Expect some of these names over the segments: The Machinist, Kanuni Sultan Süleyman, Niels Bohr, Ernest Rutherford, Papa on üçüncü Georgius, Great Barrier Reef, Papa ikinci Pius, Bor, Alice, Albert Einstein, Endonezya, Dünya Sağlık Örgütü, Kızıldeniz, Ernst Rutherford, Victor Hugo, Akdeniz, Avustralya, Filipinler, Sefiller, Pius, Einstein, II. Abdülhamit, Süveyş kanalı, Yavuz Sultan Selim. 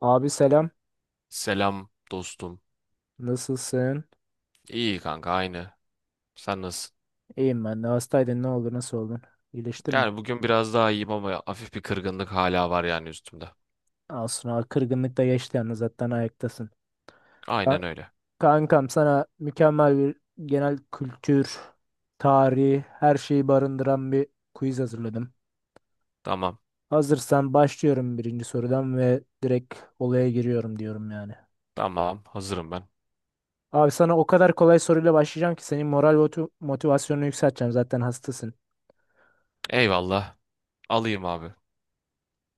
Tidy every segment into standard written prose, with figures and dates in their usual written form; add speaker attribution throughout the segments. Speaker 1: Abi selam.
Speaker 2: Selam dostum.
Speaker 1: Nasılsın?
Speaker 2: İyi kanka aynı. Sen nasılsın?
Speaker 1: İyiyim ben de. Hastaydın ne oldu? Nasıl oldun? İyileştin mi?
Speaker 2: Yani bugün biraz daha iyiyim ama hafif bir kırgınlık hala var yani üstümde.
Speaker 1: Aslında kırgınlık da geçti yani zaten ayaktasın. Ka-
Speaker 2: Aynen öyle.
Speaker 1: kankam sana mükemmel bir genel kültür, tarihi, her şeyi barındıran bir quiz hazırladım.
Speaker 2: Tamam.
Speaker 1: Hazırsan başlıyorum birinci sorudan ve direkt olaya giriyorum diyorum yani.
Speaker 2: Tamam. Hazırım ben.
Speaker 1: Abi sana o kadar kolay soruyla başlayacağım ki senin moral ve motivasyonunu yükselteceğim zaten hastasın.
Speaker 2: Eyvallah. Alayım abi.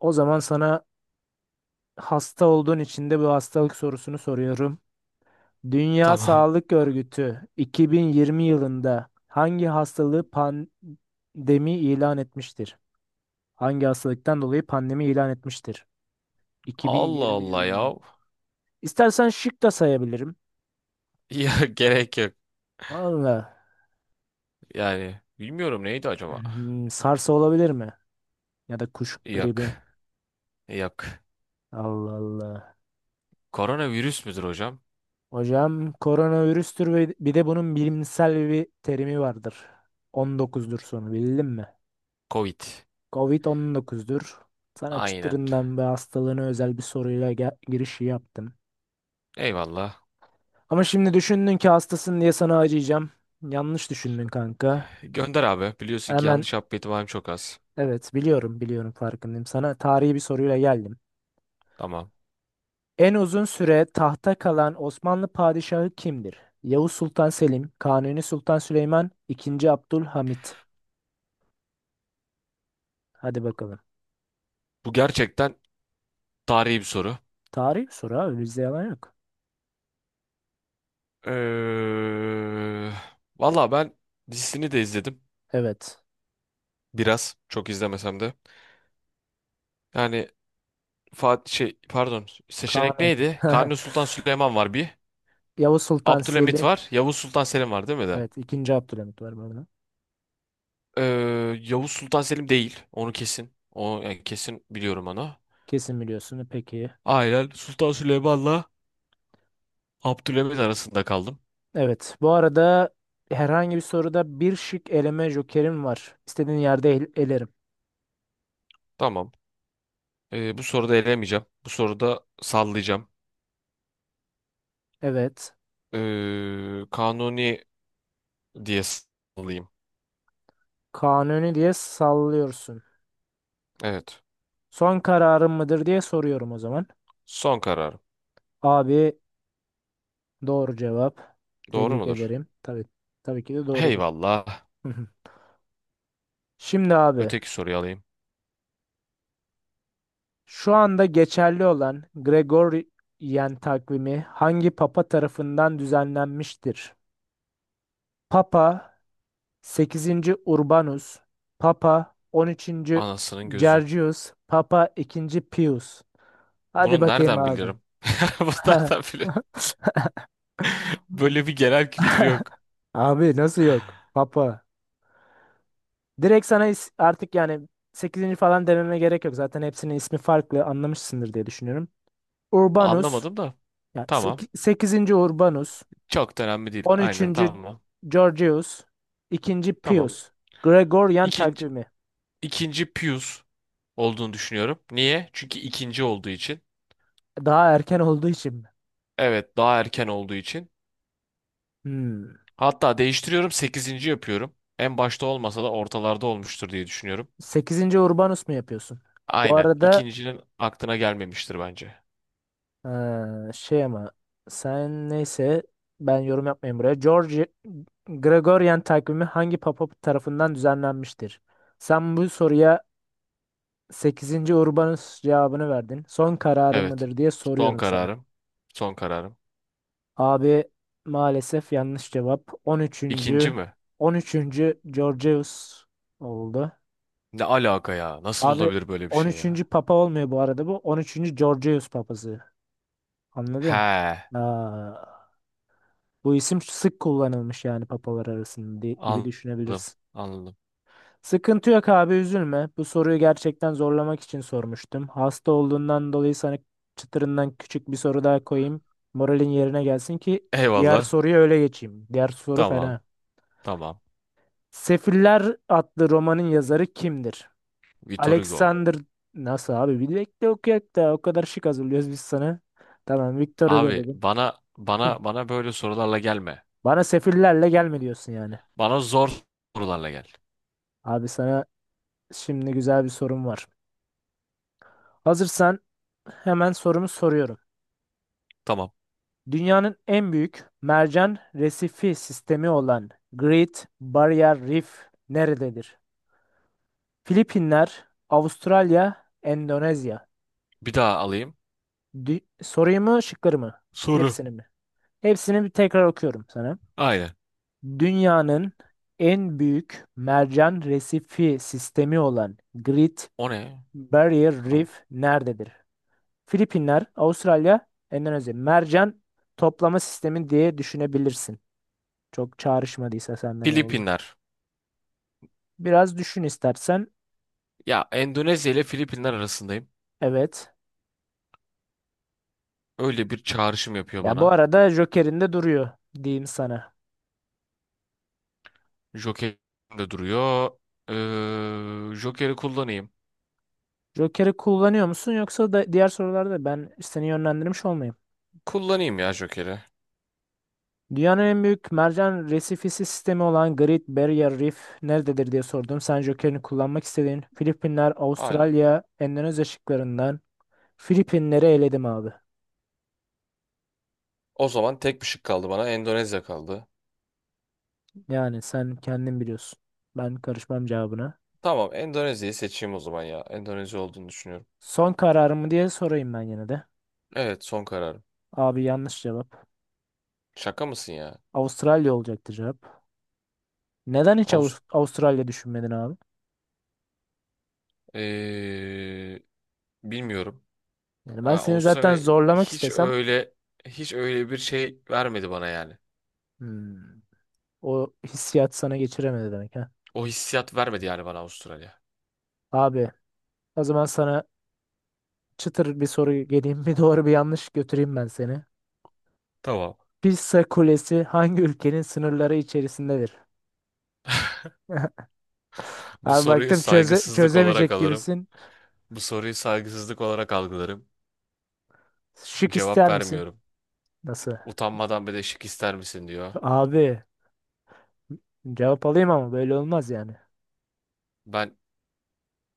Speaker 1: O zaman sana hasta olduğun için de bu hastalık sorusunu soruyorum. Dünya
Speaker 2: Tamam.
Speaker 1: Sağlık Örgütü 2020 yılında hangi hastalığı pandemi ilan etmiştir? Hangi hastalıktan dolayı pandemi ilan etmiştir?
Speaker 2: Allah
Speaker 1: 2020
Speaker 2: Allah ya.
Speaker 1: yılında. İstersen şık da sayabilirim.
Speaker 2: Ya gerek yok.
Speaker 1: Valla.
Speaker 2: Yani bilmiyorum neydi acaba?
Speaker 1: Sarsa olabilir mi? Ya da kuş
Speaker 2: Yok.
Speaker 1: gribi.
Speaker 2: Yok.
Speaker 1: Allah Allah.
Speaker 2: Koronavirüs müdür hocam?
Speaker 1: Hocam koronavirüstür ve bir de bunun bilimsel bir terimi vardır. 19'dur sonu bildin mi?
Speaker 2: Covid.
Speaker 1: Covid-19'dur. Sana
Speaker 2: Aynen.
Speaker 1: çıtırından ve hastalığına özel bir soruyla girişi yaptım.
Speaker 2: Eyvallah.
Speaker 1: Ama şimdi düşündün ki hastasın diye sana acıyacağım. Yanlış düşündün kanka.
Speaker 2: Gönder abi. Biliyorsun ki
Speaker 1: Hemen
Speaker 2: yanlış yapma ihtimalim çok az.
Speaker 1: evet biliyorum biliyorum, farkındayım. Sana tarihi bir soruyla geldim.
Speaker 2: Tamam.
Speaker 1: En uzun süre tahta kalan Osmanlı padişahı kimdir? Yavuz Sultan Selim, Kanuni Sultan Süleyman, II. Abdülhamit. Hadi bakalım.
Speaker 2: Bu gerçekten tarihi bir soru.
Speaker 1: Tarihi bir soru abi, bizde yalan yok.
Speaker 2: Eee valla ben dizisini de izledim.
Speaker 1: Evet.
Speaker 2: Biraz. Çok izlemesem de. Yani Fatih şey pardon. Seçenek
Speaker 1: Kanuni.
Speaker 2: neydi? Kanuni Sultan Süleyman var bir.
Speaker 1: Yavuz Sultan
Speaker 2: Abdülhamit
Speaker 1: Selim.
Speaker 2: var. Yavuz Sultan Selim var değil mi de?
Speaker 1: Evet, ikinci Abdülhamit var burada.
Speaker 2: Yavuz Sultan Selim değil. Onu kesin. O yani kesin biliyorum onu.
Speaker 1: Kesin biliyorsun. Peki.
Speaker 2: Aynen Sultan Süleyman'la Abdülhamit arasında kaldım.
Speaker 1: Evet. Bu arada herhangi bir soruda bir şık eleme jokerim var. İstediğin yerde elerim.
Speaker 2: Tamam. Bu soruda elemeyeceğim. Bu soruda sallayacağım.
Speaker 1: Evet.
Speaker 2: Kanuni diye sallayayım.
Speaker 1: Kanuni diye sallıyorsun.
Speaker 2: Evet.
Speaker 1: Son kararın mıdır diye soruyorum o zaman.
Speaker 2: Son karar.
Speaker 1: Abi, doğru cevap.
Speaker 2: Doğru
Speaker 1: Tebrik
Speaker 2: mudur?
Speaker 1: ederim. Tabii, tabii ki de doğrudur.
Speaker 2: Eyvallah.
Speaker 1: Hı hı. Şimdi abi,
Speaker 2: Öteki soruyu alayım.
Speaker 1: şu anda geçerli olan Gregorian takvimi hangi papa tarafından düzenlenmiştir? Papa sekizinci Urbanus, Papa on üçüncü
Speaker 2: Anasının gözü.
Speaker 1: Gergius, Papa ikinci Pius. Hadi
Speaker 2: Bunu
Speaker 1: bakayım
Speaker 2: nereden
Speaker 1: abi.
Speaker 2: bilirim? Bunu nereden bilirim? Böyle bir genel kültür yok.
Speaker 1: Abi nasıl yok? Papa. Direkt sana artık yani sekizinci falan dememe gerek yok. Zaten hepsinin ismi farklı anlamışsındır diye düşünüyorum. Urbanus,
Speaker 2: Anlamadım da.
Speaker 1: yani
Speaker 2: Tamam.
Speaker 1: sekizinci Urbanus,
Speaker 2: Çok da önemli değil.
Speaker 1: on
Speaker 2: Aynen
Speaker 1: üçüncü
Speaker 2: tamam.
Speaker 1: Georgius, ikinci
Speaker 2: Tamam.
Speaker 1: Pius. Gregorian
Speaker 2: İkinci,
Speaker 1: takvimi.
Speaker 2: ikinci Pius olduğunu düşünüyorum. Niye? Çünkü ikinci olduğu için.
Speaker 1: Daha erken olduğu için mi?
Speaker 2: Evet, daha erken olduğu için.
Speaker 1: Hmm.
Speaker 2: Hatta değiştiriyorum, sekizinci yapıyorum. En başta olmasa da ortalarda olmuştur diye düşünüyorum.
Speaker 1: Sekizinci Urbanus mu yapıyorsun? Bu
Speaker 2: Aynen.
Speaker 1: arada
Speaker 2: İkincinin aklına gelmemiştir bence.
Speaker 1: şey ama, sen neyse, ben yorum yapmayayım buraya. George Gregorian takvimi hangi papa tarafından düzenlenmiştir? Sen bu soruya sekizinci Urbanus cevabını verdin. Son kararın
Speaker 2: Evet.
Speaker 1: mıdır diye
Speaker 2: Son
Speaker 1: soruyorum sana.
Speaker 2: kararım. Son kararım.
Speaker 1: Abi, maalesef yanlış cevap. On
Speaker 2: İkinci
Speaker 1: üçüncü
Speaker 2: mi?
Speaker 1: on üçüncü Georgius oldu.
Speaker 2: Ne alaka ya? Nasıl
Speaker 1: Abi
Speaker 2: olabilir böyle bir
Speaker 1: on
Speaker 2: şey
Speaker 1: üçüncü
Speaker 2: ya?
Speaker 1: papa olmuyor bu arada bu. On üçüncü Georgius papası. Anladın?
Speaker 2: He.
Speaker 1: Aa, bu isim sık kullanılmış yani papalar arasında gibi
Speaker 2: Anladım.
Speaker 1: düşünebilirsin.
Speaker 2: Anladım.
Speaker 1: Sıkıntı yok abi, üzülme. Bu soruyu gerçekten zorlamak için sormuştum. Hasta olduğundan dolayı sana çıtırından küçük bir soru daha koyayım. Moralin yerine gelsin ki diğer
Speaker 2: Eyvallah.
Speaker 1: soruya öyle geçeyim. Diğer soru
Speaker 2: Tamam.
Speaker 1: fena.
Speaker 2: Tamam.
Speaker 1: Sefiller adlı romanın yazarı kimdir?
Speaker 2: Vitor Hugo.
Speaker 1: Alexander nasıl abi? Bir bekle okuyak da, o kadar şık hazırlıyoruz biz sana. Tamam, Victor Hugo
Speaker 2: Abi
Speaker 1: dedim.
Speaker 2: bana böyle sorularla gelme.
Speaker 1: Bana sefillerle gelme diyorsun yani.
Speaker 2: Bana zor sorularla gel.
Speaker 1: Abi sana şimdi güzel bir sorum var. Hazırsan hemen sorumu soruyorum.
Speaker 2: Tamam.
Speaker 1: Dünyanın en büyük mercan resifi sistemi olan Great Barrier Reef nerededir? Filipinler, Avustralya, Endonezya.
Speaker 2: Bir daha alayım.
Speaker 1: Soruyu mu, şıkları mı?
Speaker 2: Soru.
Speaker 1: Hepsini mi? Hepsini bir tekrar okuyorum sana.
Speaker 2: Aynen.
Speaker 1: Dünyanın en büyük mercan resifi sistemi olan Great
Speaker 2: O ne?
Speaker 1: Barrier
Speaker 2: Tamam.
Speaker 1: Reef nerededir? Filipinler, Avustralya, Endonezya. Mercan toplama sistemi diye düşünebilirsin. Çok çağrışmadıysa sende, ne oldu?
Speaker 2: Filipinler.
Speaker 1: Biraz düşün istersen.
Speaker 2: Ya Endonezya ile Filipinler arasındayım.
Speaker 1: Evet.
Speaker 2: Öyle bir çağrışım yapıyor
Speaker 1: Ya bu
Speaker 2: bana.
Speaker 1: arada Joker'in de duruyor diyeyim sana.
Speaker 2: Joker de duruyor. Joker'i kullanayım.
Speaker 1: Joker'i kullanıyor musun, yoksa da diğer sorularda ben seni yönlendirmiş olmayayım.
Speaker 2: Kullanayım ya Joker'i.
Speaker 1: Dünyanın en büyük mercan resifisi sistemi olan Great Barrier Reef nerededir diye sordum. Sen Joker'ini kullanmak istediğin Filipinler,
Speaker 2: Aynen.
Speaker 1: Avustralya, Endonezya şıklarından Filipinleri eledim abi.
Speaker 2: O zaman tek bir şık kaldı bana. Endonezya kaldı.
Speaker 1: Yani sen kendin biliyorsun. Ben karışmam cevabına.
Speaker 2: Tamam, Endonezya'yı seçeyim o zaman ya. Endonezya olduğunu düşünüyorum.
Speaker 1: Son kararımı diye sorayım ben yine de.
Speaker 2: Evet, son kararım.
Speaker 1: Abi, yanlış cevap.
Speaker 2: Şaka mısın ya?
Speaker 1: Avustralya olacaktı cevap. Neden hiç
Speaker 2: Avust
Speaker 1: Avustralya düşünmedin abi?
Speaker 2: Ee, bilmiyorum.
Speaker 1: Yani
Speaker 2: Ya,
Speaker 1: ben seni zaten
Speaker 2: Avustralya
Speaker 1: zorlamak
Speaker 2: hiç
Speaker 1: istesem,
Speaker 2: öyle hiç öyle bir şey vermedi bana yani.
Speaker 1: hmm, o hissiyat sana geçiremedi demek ha.
Speaker 2: O hissiyat vermedi yani bana Avustralya.
Speaker 1: Abi, o zaman sana çıtır bir soru geleyim, bir doğru bir yanlış götüreyim ben seni.
Speaker 2: Tamam.
Speaker 1: Pisa Kulesi hangi ülkenin sınırları içerisindedir?
Speaker 2: Bu
Speaker 1: Abi
Speaker 2: soruyu
Speaker 1: baktım
Speaker 2: saygısızlık olarak
Speaker 1: çözemeyecek
Speaker 2: alırım.
Speaker 1: gibisin.
Speaker 2: Bu soruyu saygısızlık olarak algılarım.
Speaker 1: Şık
Speaker 2: Cevap
Speaker 1: ister misin?
Speaker 2: vermiyorum.
Speaker 1: Nasıl?
Speaker 2: Utanmadan bir de şık ister misin diyor.
Speaker 1: Abi cevap alayım ama böyle olmaz yani.
Speaker 2: Ben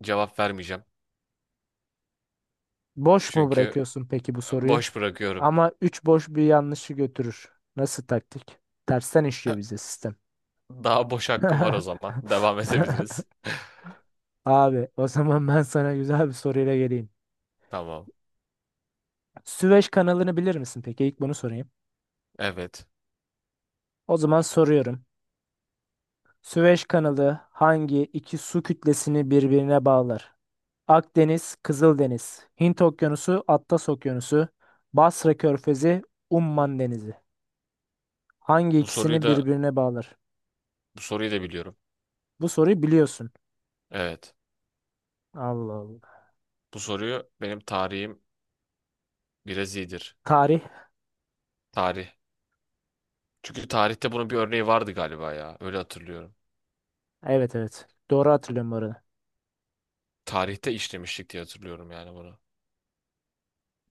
Speaker 2: cevap vermeyeceğim.
Speaker 1: Boş mu
Speaker 2: Çünkü
Speaker 1: bırakıyorsun peki bu soruyu?
Speaker 2: boş bırakıyorum.
Speaker 1: Ama 3 boş bir yanlışı götürür. Nasıl taktik? Tersten işliyor bize sistem.
Speaker 2: Daha boş hakkım var o zaman. Devam edebiliriz.
Speaker 1: Abi o zaman ben sana güzel bir soruyla geleyim.
Speaker 2: Tamam.
Speaker 1: Süveyş kanalını bilir misin peki? İlk bunu sorayım.
Speaker 2: Evet.
Speaker 1: O zaman soruyorum. Süveyş kanalı hangi iki su kütlesini birbirine bağlar? Akdeniz, Kızıldeniz, Hint Okyanusu, Atlas Okyanusu, Basra Körfezi, Umman Denizi. Hangi
Speaker 2: Bu soruyu
Speaker 1: ikisini
Speaker 2: da
Speaker 1: birbirine bağlar?
Speaker 2: bu soruyu da biliyorum.
Speaker 1: Bu soruyu biliyorsun.
Speaker 2: Evet.
Speaker 1: Allah Allah.
Speaker 2: Bu soruyu benim tarihim biraz iyidir.
Speaker 1: Tarih.
Speaker 2: Tarih. Çünkü tarihte bunun bir örneği vardı galiba ya. Öyle hatırlıyorum.
Speaker 1: Evet, evet. Doğru hatırlıyorum bu arada.
Speaker 2: Tarihte işlemiştik diye hatırlıyorum yani bunu.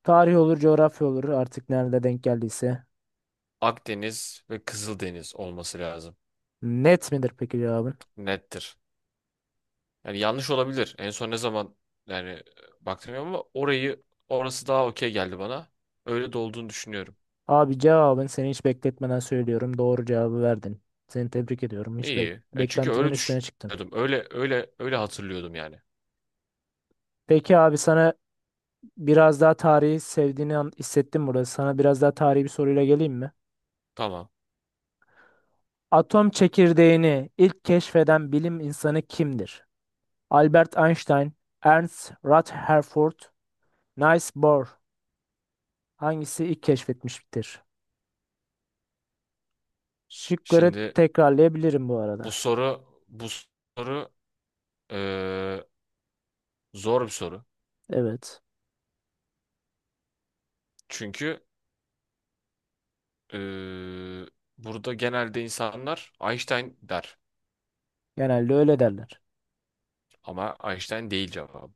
Speaker 1: Tarih olur, coğrafya olur. Artık nerede denk geldiyse.
Speaker 2: Akdeniz ve Kızıldeniz olması lazım.
Speaker 1: Net midir peki cevabın?
Speaker 2: Nettir. Yani yanlış olabilir. En son ne zaman yani baktım ama orası daha okey geldi bana. Öyle de olduğunu düşünüyorum.
Speaker 1: Abi, cevabın, seni hiç bekletmeden söylüyorum, doğru cevabı verdin. Seni tebrik ediyorum. Hiç
Speaker 2: İyi. E çünkü
Speaker 1: beklentimin
Speaker 2: öyle
Speaker 1: üstüne çıktın.
Speaker 2: düşünüyordum. Öyle öyle öyle hatırlıyordum yani.
Speaker 1: Peki abi sana biraz daha tarihi sevdiğini hissettim burada. Sana biraz daha tarihi bir soruyla geleyim mi?
Speaker 2: Tamam.
Speaker 1: Atom çekirdeğini ilk keşfeden bilim insanı kimdir? Albert Einstein, Ernst Rutherford, Niels Bohr, hangisi ilk keşfetmiştir? Şıkları
Speaker 2: Şimdi
Speaker 1: tekrarlayabilirim bu
Speaker 2: bu
Speaker 1: arada.
Speaker 2: soru bu soru e, zor bir soru.
Speaker 1: Evet,
Speaker 2: Çünkü e, burada genelde insanlar Einstein der.
Speaker 1: genelde öyle derler.
Speaker 2: Ama Einstein değil cevabı.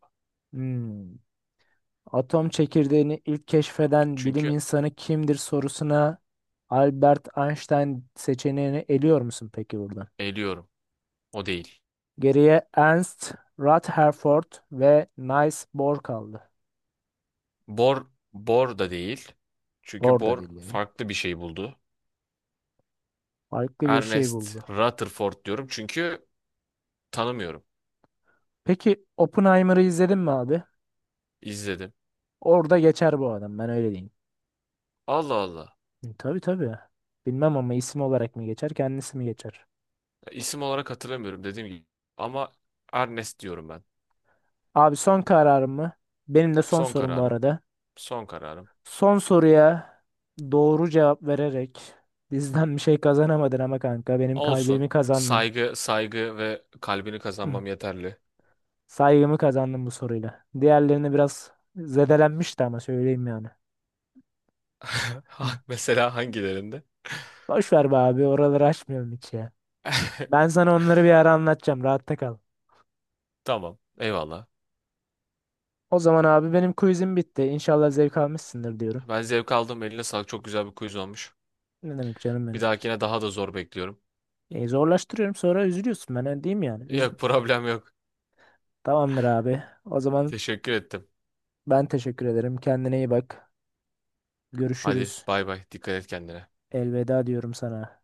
Speaker 1: Hmm. Atom çekirdeğini ilk keşfeden bilim
Speaker 2: Çünkü
Speaker 1: insanı kimdir sorusuna Albert Einstein seçeneğini eliyor musun peki buradan?
Speaker 2: eliyorum. O değil.
Speaker 1: Geriye Ernst Rutherford ve Niels Bohr kaldı.
Speaker 2: Bor, Bor da değil. Çünkü
Speaker 1: Bohr da
Speaker 2: Bor
Speaker 1: değil yani.
Speaker 2: farklı bir şey buldu.
Speaker 1: Farklı bir şey
Speaker 2: Ernest
Speaker 1: buldu.
Speaker 2: Rutherford diyorum çünkü tanımıyorum.
Speaker 1: Peki Oppenheimer'ı izledin mi abi?
Speaker 2: İzledim.
Speaker 1: Orada geçer bu adam, ben öyle diyeyim.
Speaker 2: Allah Allah.
Speaker 1: Hı, tabii tabii. Bilmem ama, isim olarak mı geçer kendisi mi geçer?
Speaker 2: İsim olarak hatırlamıyorum dediğim gibi. Ama Ernest diyorum ben.
Speaker 1: Abi son kararım mı? Benim de son
Speaker 2: Son
Speaker 1: sorum bu
Speaker 2: kararım.
Speaker 1: arada.
Speaker 2: Son kararım.
Speaker 1: Son soruya doğru cevap vererek bizden bir şey kazanamadın ama kanka, benim kalbimi
Speaker 2: Olsun.
Speaker 1: kazandın.
Speaker 2: Saygı, saygı ve kalbini
Speaker 1: Hı,
Speaker 2: kazanmam yeterli.
Speaker 1: saygımı kazandın bu soruyla. Diğerlerini biraz zedelenmişti ama, söyleyeyim yani. Hı.
Speaker 2: Mesela hangilerinde?
Speaker 1: Boş ver be abi, oraları açmıyorum hiç ya. Ben sana onları bir ara anlatacağım, rahatta kal.
Speaker 2: Tamam. Eyvallah.
Speaker 1: O zaman abi benim quizim bitti. İnşallah zevk almışsındır diyorum.
Speaker 2: Ben zevk aldım. Eline sağlık. Çok güzel bir quiz olmuş.
Speaker 1: Ne demek canım
Speaker 2: Bir
Speaker 1: benim.
Speaker 2: dahakine daha da zor bekliyorum.
Speaker 1: Zorlaştırıyorum sonra üzülüyorsun. Ben öyle diyeyim yani.
Speaker 2: Yok, problem yok.
Speaker 1: Tamamdır abi. O zaman
Speaker 2: Teşekkür ettim.
Speaker 1: ben teşekkür ederim. Kendine iyi bak.
Speaker 2: Hadi
Speaker 1: Görüşürüz.
Speaker 2: bay bay. Dikkat et kendine.
Speaker 1: Elveda diyorum sana.